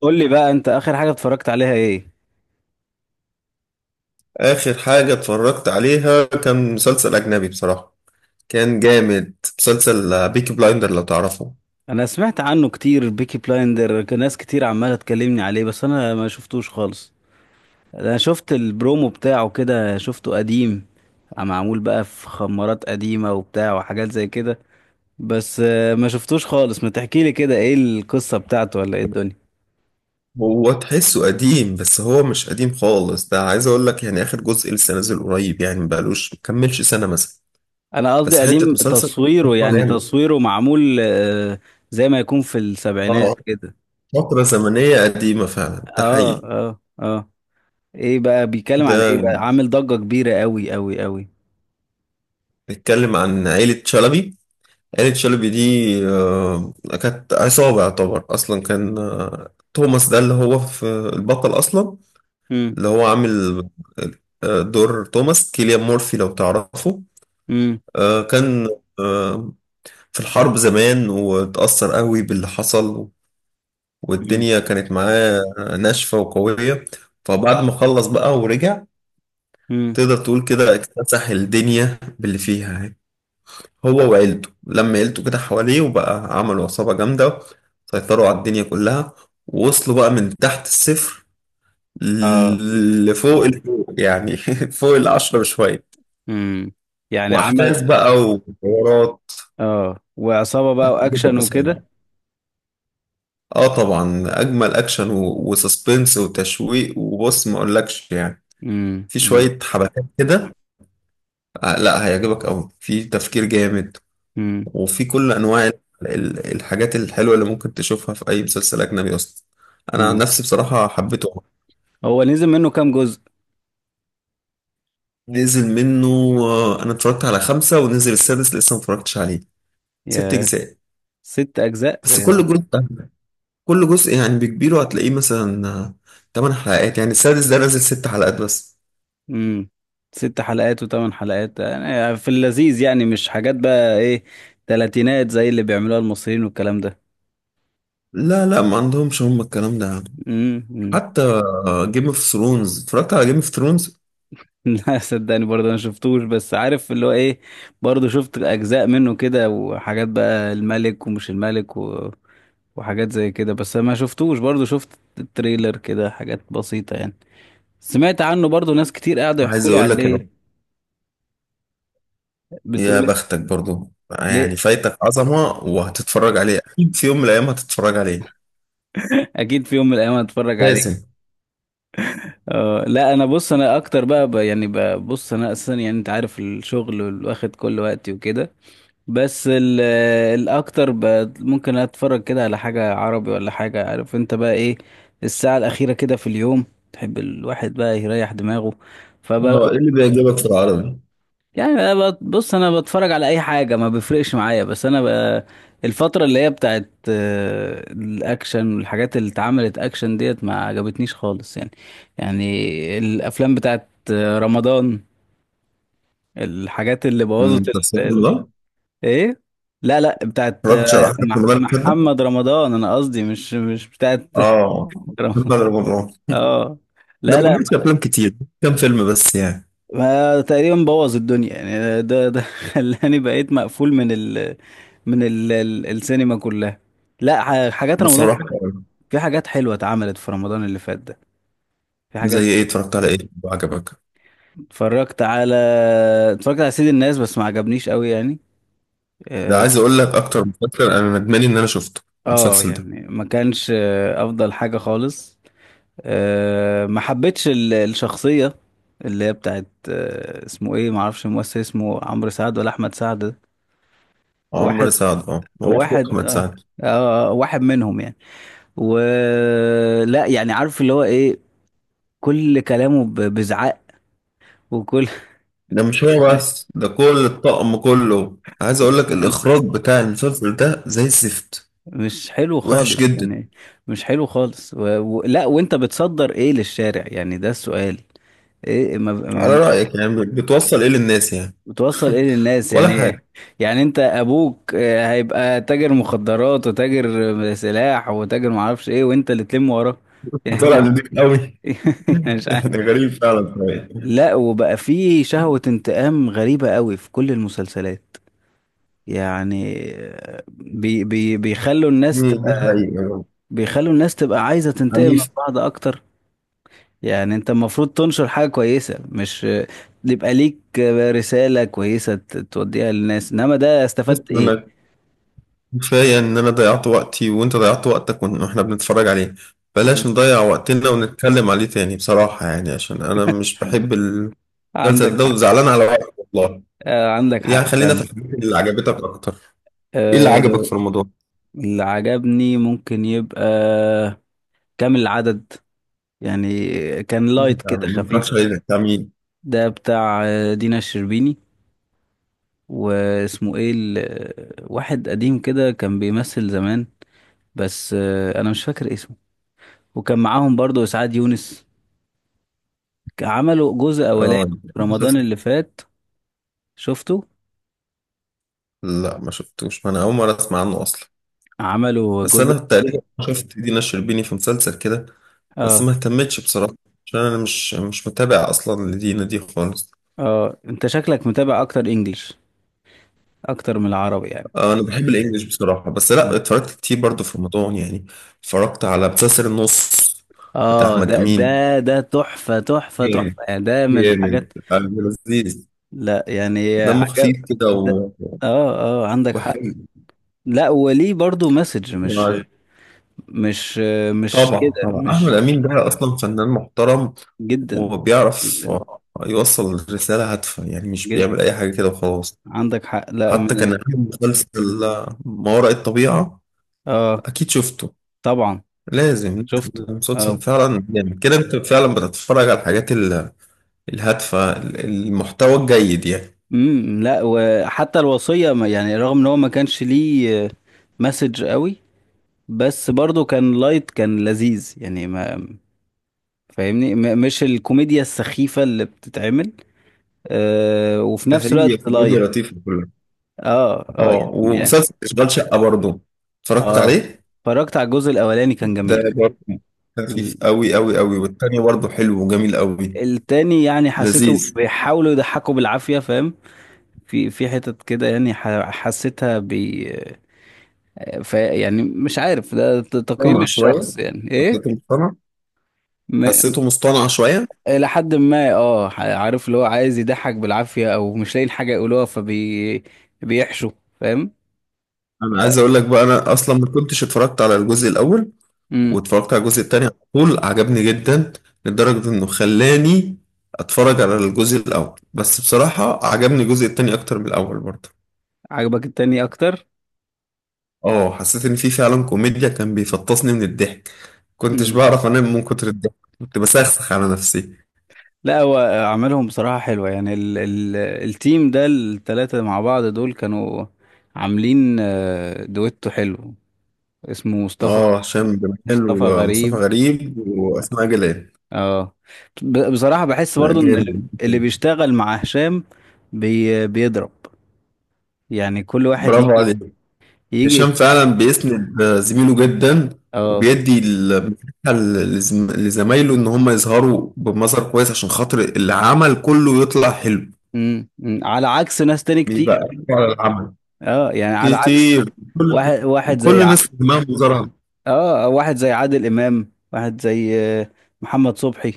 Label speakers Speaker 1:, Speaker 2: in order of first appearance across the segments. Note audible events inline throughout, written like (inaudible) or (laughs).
Speaker 1: قول لي بقى، انت اخر حاجة اتفرجت عليها ايه؟
Speaker 2: آخر حاجة اتفرجت عليها كان مسلسل أجنبي بصراحة. كان جامد مسلسل بيكي بلايندر لو تعرفه.
Speaker 1: انا سمعت عنه كتير، بيكي بلايندر كان ناس كتير عمالة تكلمني عليه، بس انا ما شفتوش خالص. انا شفت البرومو بتاعه كده، شفته قديم. معمول بقى في خمارات قديمة وبتاع وحاجات زي كده. بس ما شفتوش خالص. ما تحكي لي كده، ايه القصة بتاعته ولا ايه الدنيا؟
Speaker 2: هو تحسه قديم بس هو مش قديم خالص، ده عايز أقول لك يعني آخر جزء لسه نازل قريب، يعني مبقالوش مكملش سنة مثلا.
Speaker 1: انا قصدي
Speaker 2: بس حتة
Speaker 1: قديم
Speaker 2: مسلسل
Speaker 1: تصويره،
Speaker 2: هو
Speaker 1: يعني
Speaker 2: جامد.
Speaker 1: تصويره معمول زي ما يكون في
Speaker 2: اه،
Speaker 1: السبعينات كده.
Speaker 2: فترة زمنية قديمة فعلا، ده
Speaker 1: اه،
Speaker 2: حقيقي.
Speaker 1: اه، اه. ايه بقى بيتكلم عن ايه؟
Speaker 2: ده
Speaker 1: بقى عامل ضجة كبيرة قوي قوي قوي.
Speaker 2: بيتكلم عن عيلة شلبي. عيلة شلبي دي آه، كانت عصابة، يعتبر أصلا كان توماس ده اللي هو في البطل أصلا.
Speaker 1: امم،
Speaker 2: اللي هو عامل دور توماس كيليان مورفي لو تعرفه.
Speaker 1: امم،
Speaker 2: كان آه، في الحرب زمان، واتأثر قوي باللي حصل،
Speaker 1: امم،
Speaker 2: والدنيا كانت معاه ناشفة وقوية. فبعد ما خلص بقى ورجع،
Speaker 1: امم،
Speaker 2: تقدر تقول كده اكتسح الدنيا باللي فيها يعني، هو وعيلته، لما عيلته كده حواليه وبقى عملوا عصابة جامدة، سيطروا على الدنيا كلها. ووصلوا بقى من تحت الصفر
Speaker 1: اه،
Speaker 2: لفوق الفوق يعني (laughs) فوق العشرة بشوية.
Speaker 1: امم. يعني عمل.
Speaker 2: واحداث بقى وحوارات
Speaker 1: اه، وعصابة بقى
Speaker 2: هتعجبك
Speaker 1: واكشن
Speaker 2: بصراحه.
Speaker 1: وكده.
Speaker 2: اه طبعا، اجمل اكشن وسسبنس وتشويق، وبص ما اقولكش يعني،
Speaker 1: امم،
Speaker 2: في
Speaker 1: امم،
Speaker 2: شويه حبكات كده. لا، هيعجبك قوي، في تفكير جامد،
Speaker 1: امم،
Speaker 2: وفي كل انواع الحاجات الحلوه اللي ممكن تشوفها في اي مسلسل اجنبي اصلا. انا عن
Speaker 1: امم.
Speaker 2: نفسي بصراحه حبيته أوي.
Speaker 1: هو نزل منه كام جزء؟
Speaker 2: نزل منه انا اتفرجت على خمسه، ونزل السادس لسه ما اتفرجتش عليه. ست
Speaker 1: يا،
Speaker 2: اجزاء.
Speaker 1: ست اجزاء.
Speaker 2: بس كل جزء يعني بكبيره هتلاقيه مثلا 8 حلقات، يعني السادس ده نازل 6 حلقات بس.
Speaker 1: امم. ست حلقات وثمان حلقات، يعني في اللذيذ، يعني مش حاجات بقى ايه؟ تلاتينات زي اللي بيعملوها المصريين والكلام ده.
Speaker 2: لا لا، ما عندهمش هم الكلام ده يعني.
Speaker 1: امم.
Speaker 2: حتى جيم اوف ثرونز، اتفرجت على جيم اوف ثرونز.
Speaker 1: (laughs) لا صدقني، برضه انا شفتوش بس عارف اللي هو ايه. برضه شفت اجزاء منه كده وحاجات بقى، الملك ومش الملك و وحاجات زي كده، بس ما شفتوش. برضه شفت التريلر كده، حاجات بسيطة يعني. سمعت عنه برضه، ناس كتير قاعدة
Speaker 2: عايز
Speaker 1: يحكوا لي
Speaker 2: اقول لك إنه
Speaker 1: عليه.
Speaker 2: يا
Speaker 1: بتقول إيه؟
Speaker 2: بختك برضو يعني،
Speaker 1: ليه؟
Speaker 2: فايتك عظمة وهتتفرج عليه اكيد، في يوم من الايام هتتفرج عليه،
Speaker 1: اكيد في يوم من الايام هتفرج عليه.
Speaker 2: لازم.
Speaker 1: اه، لا انا بص، انا اكتر بقى يعني بقى بص انا اصلا، يعني انت عارف الشغل واخد كل وقتي وكده. بس الاكتر ممكن اتفرج كده على حاجة عربي ولا حاجة، عارف انت بقى ايه. الساعة الاخيرة كده في اليوم، تحب الواحد بقى يريح دماغه. فب
Speaker 2: اه، ايه اللي بيعجبك في العربي؟
Speaker 1: يعني أنا بص، انا بتفرج على اي حاجة ما بيفرقش معايا، بس انا بقى الفترة اللي هي بتاعت الاكشن، والحاجات اللي اتعملت اكشن ديت ما عجبتنيش خالص يعني. يعني الافلام بتاعت رمضان، الحاجات اللي بوظت.
Speaker 2: المسلسلات اللي
Speaker 1: ال-
Speaker 2: ده؟
Speaker 1: ايه. لا، لا، بتاعت
Speaker 2: اتفرجتش على حاجة من
Speaker 1: مح-
Speaker 2: اللي فات ده؟
Speaker 1: محمد رمضان، انا قصدي مش بتاعت
Speaker 2: اه،
Speaker 1: (laughs)
Speaker 2: محمد
Speaker 1: رمضان.
Speaker 2: رمضان
Speaker 1: اه.
Speaker 2: ده
Speaker 1: لا،
Speaker 2: ما
Speaker 1: لا.
Speaker 2: عملش افلام كتير، كام فيلم بس يعني،
Speaker 1: ما تقريبا بوظ الدنيا يعني، ده (laughs) خلاني بقيت مقفول من ال السينما كلها. لا، حاجات رمضان في.
Speaker 2: بصراحة يعني.
Speaker 1: في حاجات حلوة اتعملت في رمضان اللي فات ده. في
Speaker 2: زي
Speaker 1: حاجات.
Speaker 2: ايه، اتفرجت على ايه وعجبك؟
Speaker 1: اتفرجت على اتفرجت على سيد الناس، بس ما عجبنيش قوي يعني.
Speaker 2: ده
Speaker 1: اه.
Speaker 2: عايز اقول لك اكتر مسلسل انا ندمان ان انا شفته، المسلسل ده.
Speaker 1: يعني ما كانش افضل حاجة خالص. ما حبيتش الشخصية اللي هي بتاعت، اسمه ايه، ما اعرفش الممثل، اسمه عمرو سعد ولا احمد سعد ده؟ واحد،
Speaker 2: عمرو سعد، اه، وافق
Speaker 1: واحد،
Speaker 2: محمد
Speaker 1: اه.
Speaker 2: سعد.
Speaker 1: واحد منهم يعني. ولا، يعني، عارف اللي هو ايه. كل كلامه بزعق، وكل
Speaker 2: ده مش هو بس، ده كل الطقم كله، عايز اقول لك
Speaker 1: (laughs)
Speaker 2: الاخراج بتاع المسلسل ده زي الزفت،
Speaker 1: مش حلو خالص
Speaker 2: وحش جدا.
Speaker 1: يعني. مش حلو خالص لا، وانت بتصدر ايه للشارع؟ يعني ده السؤال. ايه،
Speaker 2: على
Speaker 1: ما...
Speaker 2: رايك، يعني بتوصل ايه للناس يعني؟
Speaker 1: بتوصل ايه
Speaker 2: (laughs)
Speaker 1: للناس،
Speaker 2: ولا
Speaker 1: يعني ايه؟
Speaker 2: حاجه.
Speaker 1: يعني انت ابوك هيبقى تاجر مخدرات، وتاجر سلاح، وتاجر معرفش ايه، وانت اللي تلم وراه. يعني
Speaker 2: طلع
Speaker 1: ده
Speaker 2: نضيف قوي
Speaker 1: (laughs) يعني مش
Speaker 2: (laughs)
Speaker 1: عارف.
Speaker 2: يعني غريب فعلا شوية.
Speaker 1: لا، وبقى في شهوة انتقام غريبة قوي في كل المسلسلات. يعني بي بي بيخلوا الناس
Speaker 2: دي
Speaker 1: تبقى،
Speaker 2: حقيقه.
Speaker 1: بيخلوا الناس تبقى عايزة تنتقم من
Speaker 2: عنيف.
Speaker 1: بعض اكتر. يعني انت المفروض تنشر حاجة كويسة، مش يبقى ليك رسالة كويسة توديها للناس، انما ده
Speaker 2: بص
Speaker 1: استفدت ايه؟
Speaker 2: انا، كفاية إن أنا ضيعت وقتي وأنت ضيعت وقتك وإحنا بنتفرج عليه، بلاش نضيع وقتنا ونتكلم عليه تاني، بصراحة يعني، عشان أنا
Speaker 1: طب،
Speaker 2: مش بحب المسلسل
Speaker 1: عندك
Speaker 2: ده،
Speaker 1: حق.
Speaker 2: وزعلان على وقتي والله.
Speaker 1: آه، عندك
Speaker 2: يعني
Speaker 1: حق،
Speaker 2: خلينا في
Speaker 1: فاهم.
Speaker 2: الحاجات اللي عجبتك أكتر. إيه اللي عجبك
Speaker 1: آه.
Speaker 2: في رمضان؟
Speaker 1: اللي عجبني ممكن يبقى كامل العدد، يعني كان لايت
Speaker 2: أنت
Speaker 1: كده،
Speaker 2: ما
Speaker 1: خفيف.
Speaker 2: اتفرجتش عليه بتاع مين؟
Speaker 1: ده بتاع دينا الشربيني، واسمه ايه واحد قديم كده كان بيمثل زمان، بس انا مش فاكر اسمه. وكان معاهم برضو اسعاد يونس. عملوا جزء اولاني
Speaker 2: آه إيه،
Speaker 1: في رمضان
Speaker 2: المسلسل؟
Speaker 1: اللي فات. شفته؟
Speaker 2: لا ما شفتوش، ما أنا أول مرة أسمع عنه أصلا.
Speaker 1: عملوا
Speaker 2: بس
Speaker 1: جزء.
Speaker 2: أنا تقريبا شفت دينا الشربيني في مسلسل كده، بس
Speaker 1: اه.
Speaker 2: ما اهتمتش بصراحة، عشان أنا مش متابع أصلا لدينا دي خالص.
Speaker 1: اه، انت شكلك متابع اكتر انجلش اكتر من العربي يعني.
Speaker 2: انا بحب الانجليش بصراحه، بس لا،
Speaker 1: مم.
Speaker 2: اتفرجت كتير برضو في رمضان يعني. اتفرجت على مسلسل النص بتاع
Speaker 1: اه،
Speaker 2: احمد
Speaker 1: ده
Speaker 2: امين.
Speaker 1: ده تحفة تحفة
Speaker 2: جامد،
Speaker 1: تحفة، يعني ده من
Speaker 2: جامد
Speaker 1: الحاجات.
Speaker 2: عبد، لذيذ،
Speaker 1: لا، يعني
Speaker 2: دمه
Speaker 1: عجب
Speaker 2: خفيف كده
Speaker 1: ده. اه. اه، عندك حق.
Speaker 2: وحلو
Speaker 1: لا، وليه برضو مسج،
Speaker 2: يعني.
Speaker 1: مش مش
Speaker 2: طبعا
Speaker 1: كده،
Speaker 2: طبعا، احمد
Speaker 1: مش
Speaker 2: امين ده اصلا فنان محترم،
Speaker 1: جدا
Speaker 2: وبيعرف
Speaker 1: جدا
Speaker 2: يوصل رساله هادفه، يعني مش
Speaker 1: جدا.
Speaker 2: بيعمل اي حاجه كده وخلاص.
Speaker 1: عندك حق، لا،
Speaker 2: حتى كان
Speaker 1: من.
Speaker 2: عامل مسلسل ما وراء الطبيعه،
Speaker 1: اه،
Speaker 2: اكيد شفته،
Speaker 1: طبعا.
Speaker 2: لازم.
Speaker 1: شفته،
Speaker 2: المسلسل
Speaker 1: اه.
Speaker 2: فعلا جامد كده، انت فعلا بتتفرج على الحاجات الهادفة، المحتوى الجيد يعني.
Speaker 1: امم. لا، وحتى الوصية يعني رغم ان هو ما كانش ليه مسج قوي، بس برضو كان لايت، كان لذيذ يعني. ما فاهمني، مش الكوميديا السخيفة اللي بتتعمل. وفي نفس
Speaker 2: هي
Speaker 1: الوقت
Speaker 2: كوميديا
Speaker 1: لايت.
Speaker 2: لطيفة كلها.
Speaker 1: اه، اه.
Speaker 2: اه،
Speaker 1: يعني،
Speaker 2: ومسلسل اشغال شقة برضو اتفرجت
Speaker 1: اه.
Speaker 2: عليه.
Speaker 1: اتفرجت على الجزء الاولاني كان
Speaker 2: ده
Speaker 1: جميل.
Speaker 2: برضو خفيف
Speaker 1: ال-
Speaker 2: قوي قوي قوي، والتاني برضو حلو وجميل قوي،
Speaker 1: التاني يعني حسيته
Speaker 2: لذيذ.
Speaker 1: بيحاولوا يضحكوا بالعافية، فاهم. في حتت كده، يعني حسيتها بي. يعني مش عارف ده تقييم
Speaker 2: مصطنع شوية،
Speaker 1: الشخص يعني ايه.
Speaker 2: حسيته مصطنع،
Speaker 1: م...
Speaker 2: حسيته مصطنع شوية.
Speaker 1: الى حد ما، اه، عارف اللي هو عايز يضحك بالعافية، او مش لاقيين حاجة يقولوها بيحشوا، فاهم.
Speaker 2: انا عايز اقول لك بقى، انا اصلا ما كنتش اتفرجت على الجزء الاول،
Speaker 1: امم.
Speaker 2: واتفرجت على الجزء التاني على طول، عجبني جدا، لدرجة انه خلاني اتفرج على الجزء الاول، بس بصراحة عجبني الجزء التاني اكتر من الاول برضه.
Speaker 1: عجبك التاني اكتر؟
Speaker 2: اه، حسيت ان في فعلا كوميديا، كان بيفطسني من الضحك، كنتش
Speaker 1: امم.
Speaker 2: بعرف انام من كتر الضحك، كنت بسخسخ على نفسي.
Speaker 1: لا، هو عملهم بصراحة حلوة، يعني ال التيم ده التلاتة مع بعض دول كانوا عاملين دويتو حلو. اسمه مصطفى،
Speaker 2: اه، هشام
Speaker 1: مصطفى
Speaker 2: جمال ومصطفى
Speaker 1: غريب.
Speaker 2: غريب واسماء جلال.
Speaker 1: اه. بصراحة بحس
Speaker 2: لا،
Speaker 1: برضو ان اللي
Speaker 2: جامد.
Speaker 1: اللي بيشتغل مع هشام بيضرب، يعني كل واحد
Speaker 2: برافو
Speaker 1: يجي
Speaker 2: عليك.
Speaker 1: يجي
Speaker 2: هشام فعلا بيسند زميله جدا،
Speaker 1: اه.
Speaker 2: وبيدي المساحة لزمايله ان هم يظهروا بمظهر كويس، عشان خاطر العمل كله يطلع حلو.
Speaker 1: أمم. على عكس ناس تاني كتير.
Speaker 2: بيبقى على العمل
Speaker 1: اه، يعني على عكس
Speaker 2: كتير. كل
Speaker 1: واحد، واحد زي
Speaker 2: كل الناس دماغهم مظهرها.
Speaker 1: اه، واحد زي عادل امام، واحد زي محمد صبحي.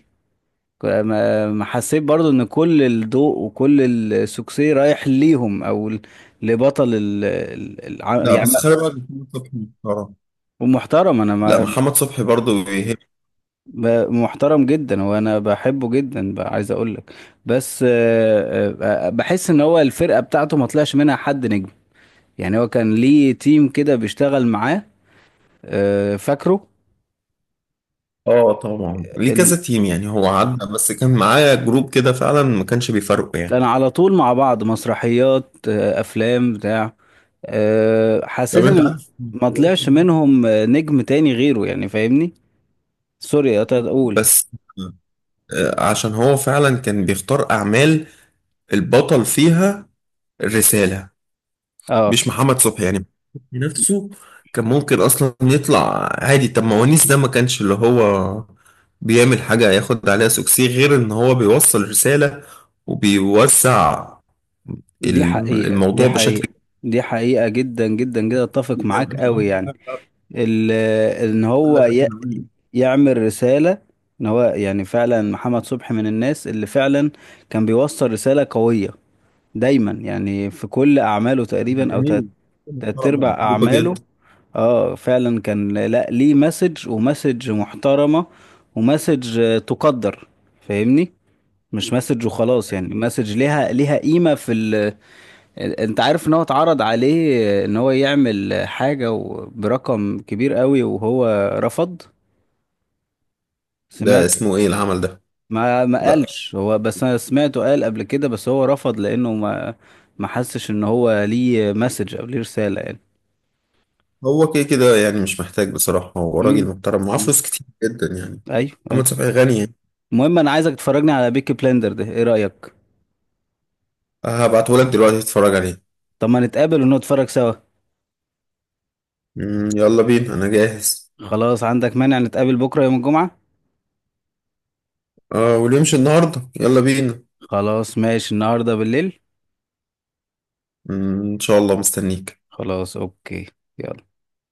Speaker 1: ما حسيت برضو ان كل الضوء وكل السوكسي رايح ليهم، او لبطل
Speaker 2: لا
Speaker 1: يعني.
Speaker 2: بس خلي بالك، محمد صبحي محترم.
Speaker 1: ومحترم، انا
Speaker 2: لا
Speaker 1: ما
Speaker 2: محمد صبحي برضو بيهب.
Speaker 1: محترم جدا، وانا بحبه جدا بقى، عايز اقول لك. بس بحس ان هو الفرقة بتاعته ما طلعش منها حد نجم. يعني هو كان ليه تيم كده بيشتغل معاه، فاكره.
Speaker 2: اه طبعا، ليه كذا
Speaker 1: ال-
Speaker 2: تيم يعني، هو عدى بس كان معايا جروب كده، فعلا ما كانش بيفرقوا يعني.
Speaker 1: كان على طول مع بعض، مسرحيات، افلام بتاع،
Speaker 2: طب
Speaker 1: حسيت
Speaker 2: انت
Speaker 1: ان
Speaker 2: عارف،
Speaker 1: ما طلعش منهم نجم تاني غيره، يعني فاهمني. سوري قطعت، اقول.
Speaker 2: بس عشان هو فعلا كان بيختار اعمال البطل فيها الرسالة،
Speaker 1: اه،
Speaker 2: مش محمد صبحي يعني نفسه. كان ممكن اصلا يطلع عادي، طب ما ونيس ده ما كانش اللي هو بيعمل حاجة ياخد عليها سوكسي غير ان هو بيوصل رسالة، وبيوسع
Speaker 1: دي حقيقة،
Speaker 2: الموضوع
Speaker 1: دي
Speaker 2: بشكل
Speaker 1: حقيقة.
Speaker 2: كبير.
Speaker 1: دي حقيقة جدا جدا جدا، اتفق
Speaker 2: زي ما
Speaker 1: معاك
Speaker 2: انا جمال
Speaker 1: قوي يعني. ان
Speaker 2: بقول لك،
Speaker 1: هو
Speaker 2: انا اللي اقول لك.
Speaker 1: يعمل رسالة، ان هو يعني فعلا محمد صبحي من الناس اللي فعلا كان بيوصل رسالة قوية دايما، يعني في كل اعماله تقريبا او
Speaker 2: جميل،
Speaker 1: تلات
Speaker 2: محترم،
Speaker 1: ارباع
Speaker 2: محبوبه
Speaker 1: اعماله.
Speaker 2: جدا.
Speaker 1: اه، فعلا كان، لا، ليه مسج، ومسج محترمة، ومسج تقدر، فاهمني. مش مسج وخلاص، يعني مسج ليها قيمة في انت عارف ان هو اتعرض عليه ان هو يعمل حاجة برقم كبير قوي، وهو رفض.
Speaker 2: ده
Speaker 1: سمعت،
Speaker 2: اسمه ايه العمل ده؟
Speaker 1: ما
Speaker 2: لا،
Speaker 1: قالش هو، بس انا سمعته قال قبل كده، بس هو رفض لانه ما ما حسش ان هو ليه مسج او ليه رسالة يعني.
Speaker 2: هو كده كده يعني مش محتاج بصراحه، هو راجل
Speaker 1: امم،
Speaker 2: محترم معاه فلوس كتير جدا يعني،
Speaker 1: ايوه،
Speaker 2: محمد
Speaker 1: أيوة.
Speaker 2: شفقي غني يعني.
Speaker 1: المهم، انا عايزك تفرجني على بيكي بلندر ده، ايه رأيك؟
Speaker 2: هبعته لك دلوقتي تتفرج عليه.
Speaker 1: طب ما نتقابل ونتفرج سوا.
Speaker 2: يلا بينا انا جاهز.
Speaker 1: خلاص، عندك مانع نتقابل بكرة يوم الجمعة؟
Speaker 2: اه، واللي يمشي النهارده يلا بينا.
Speaker 1: خلاص، ماشي، النهاردة بالليل.
Speaker 2: ان شاء الله مستنيك.
Speaker 1: خلاص، اوكي. يلا.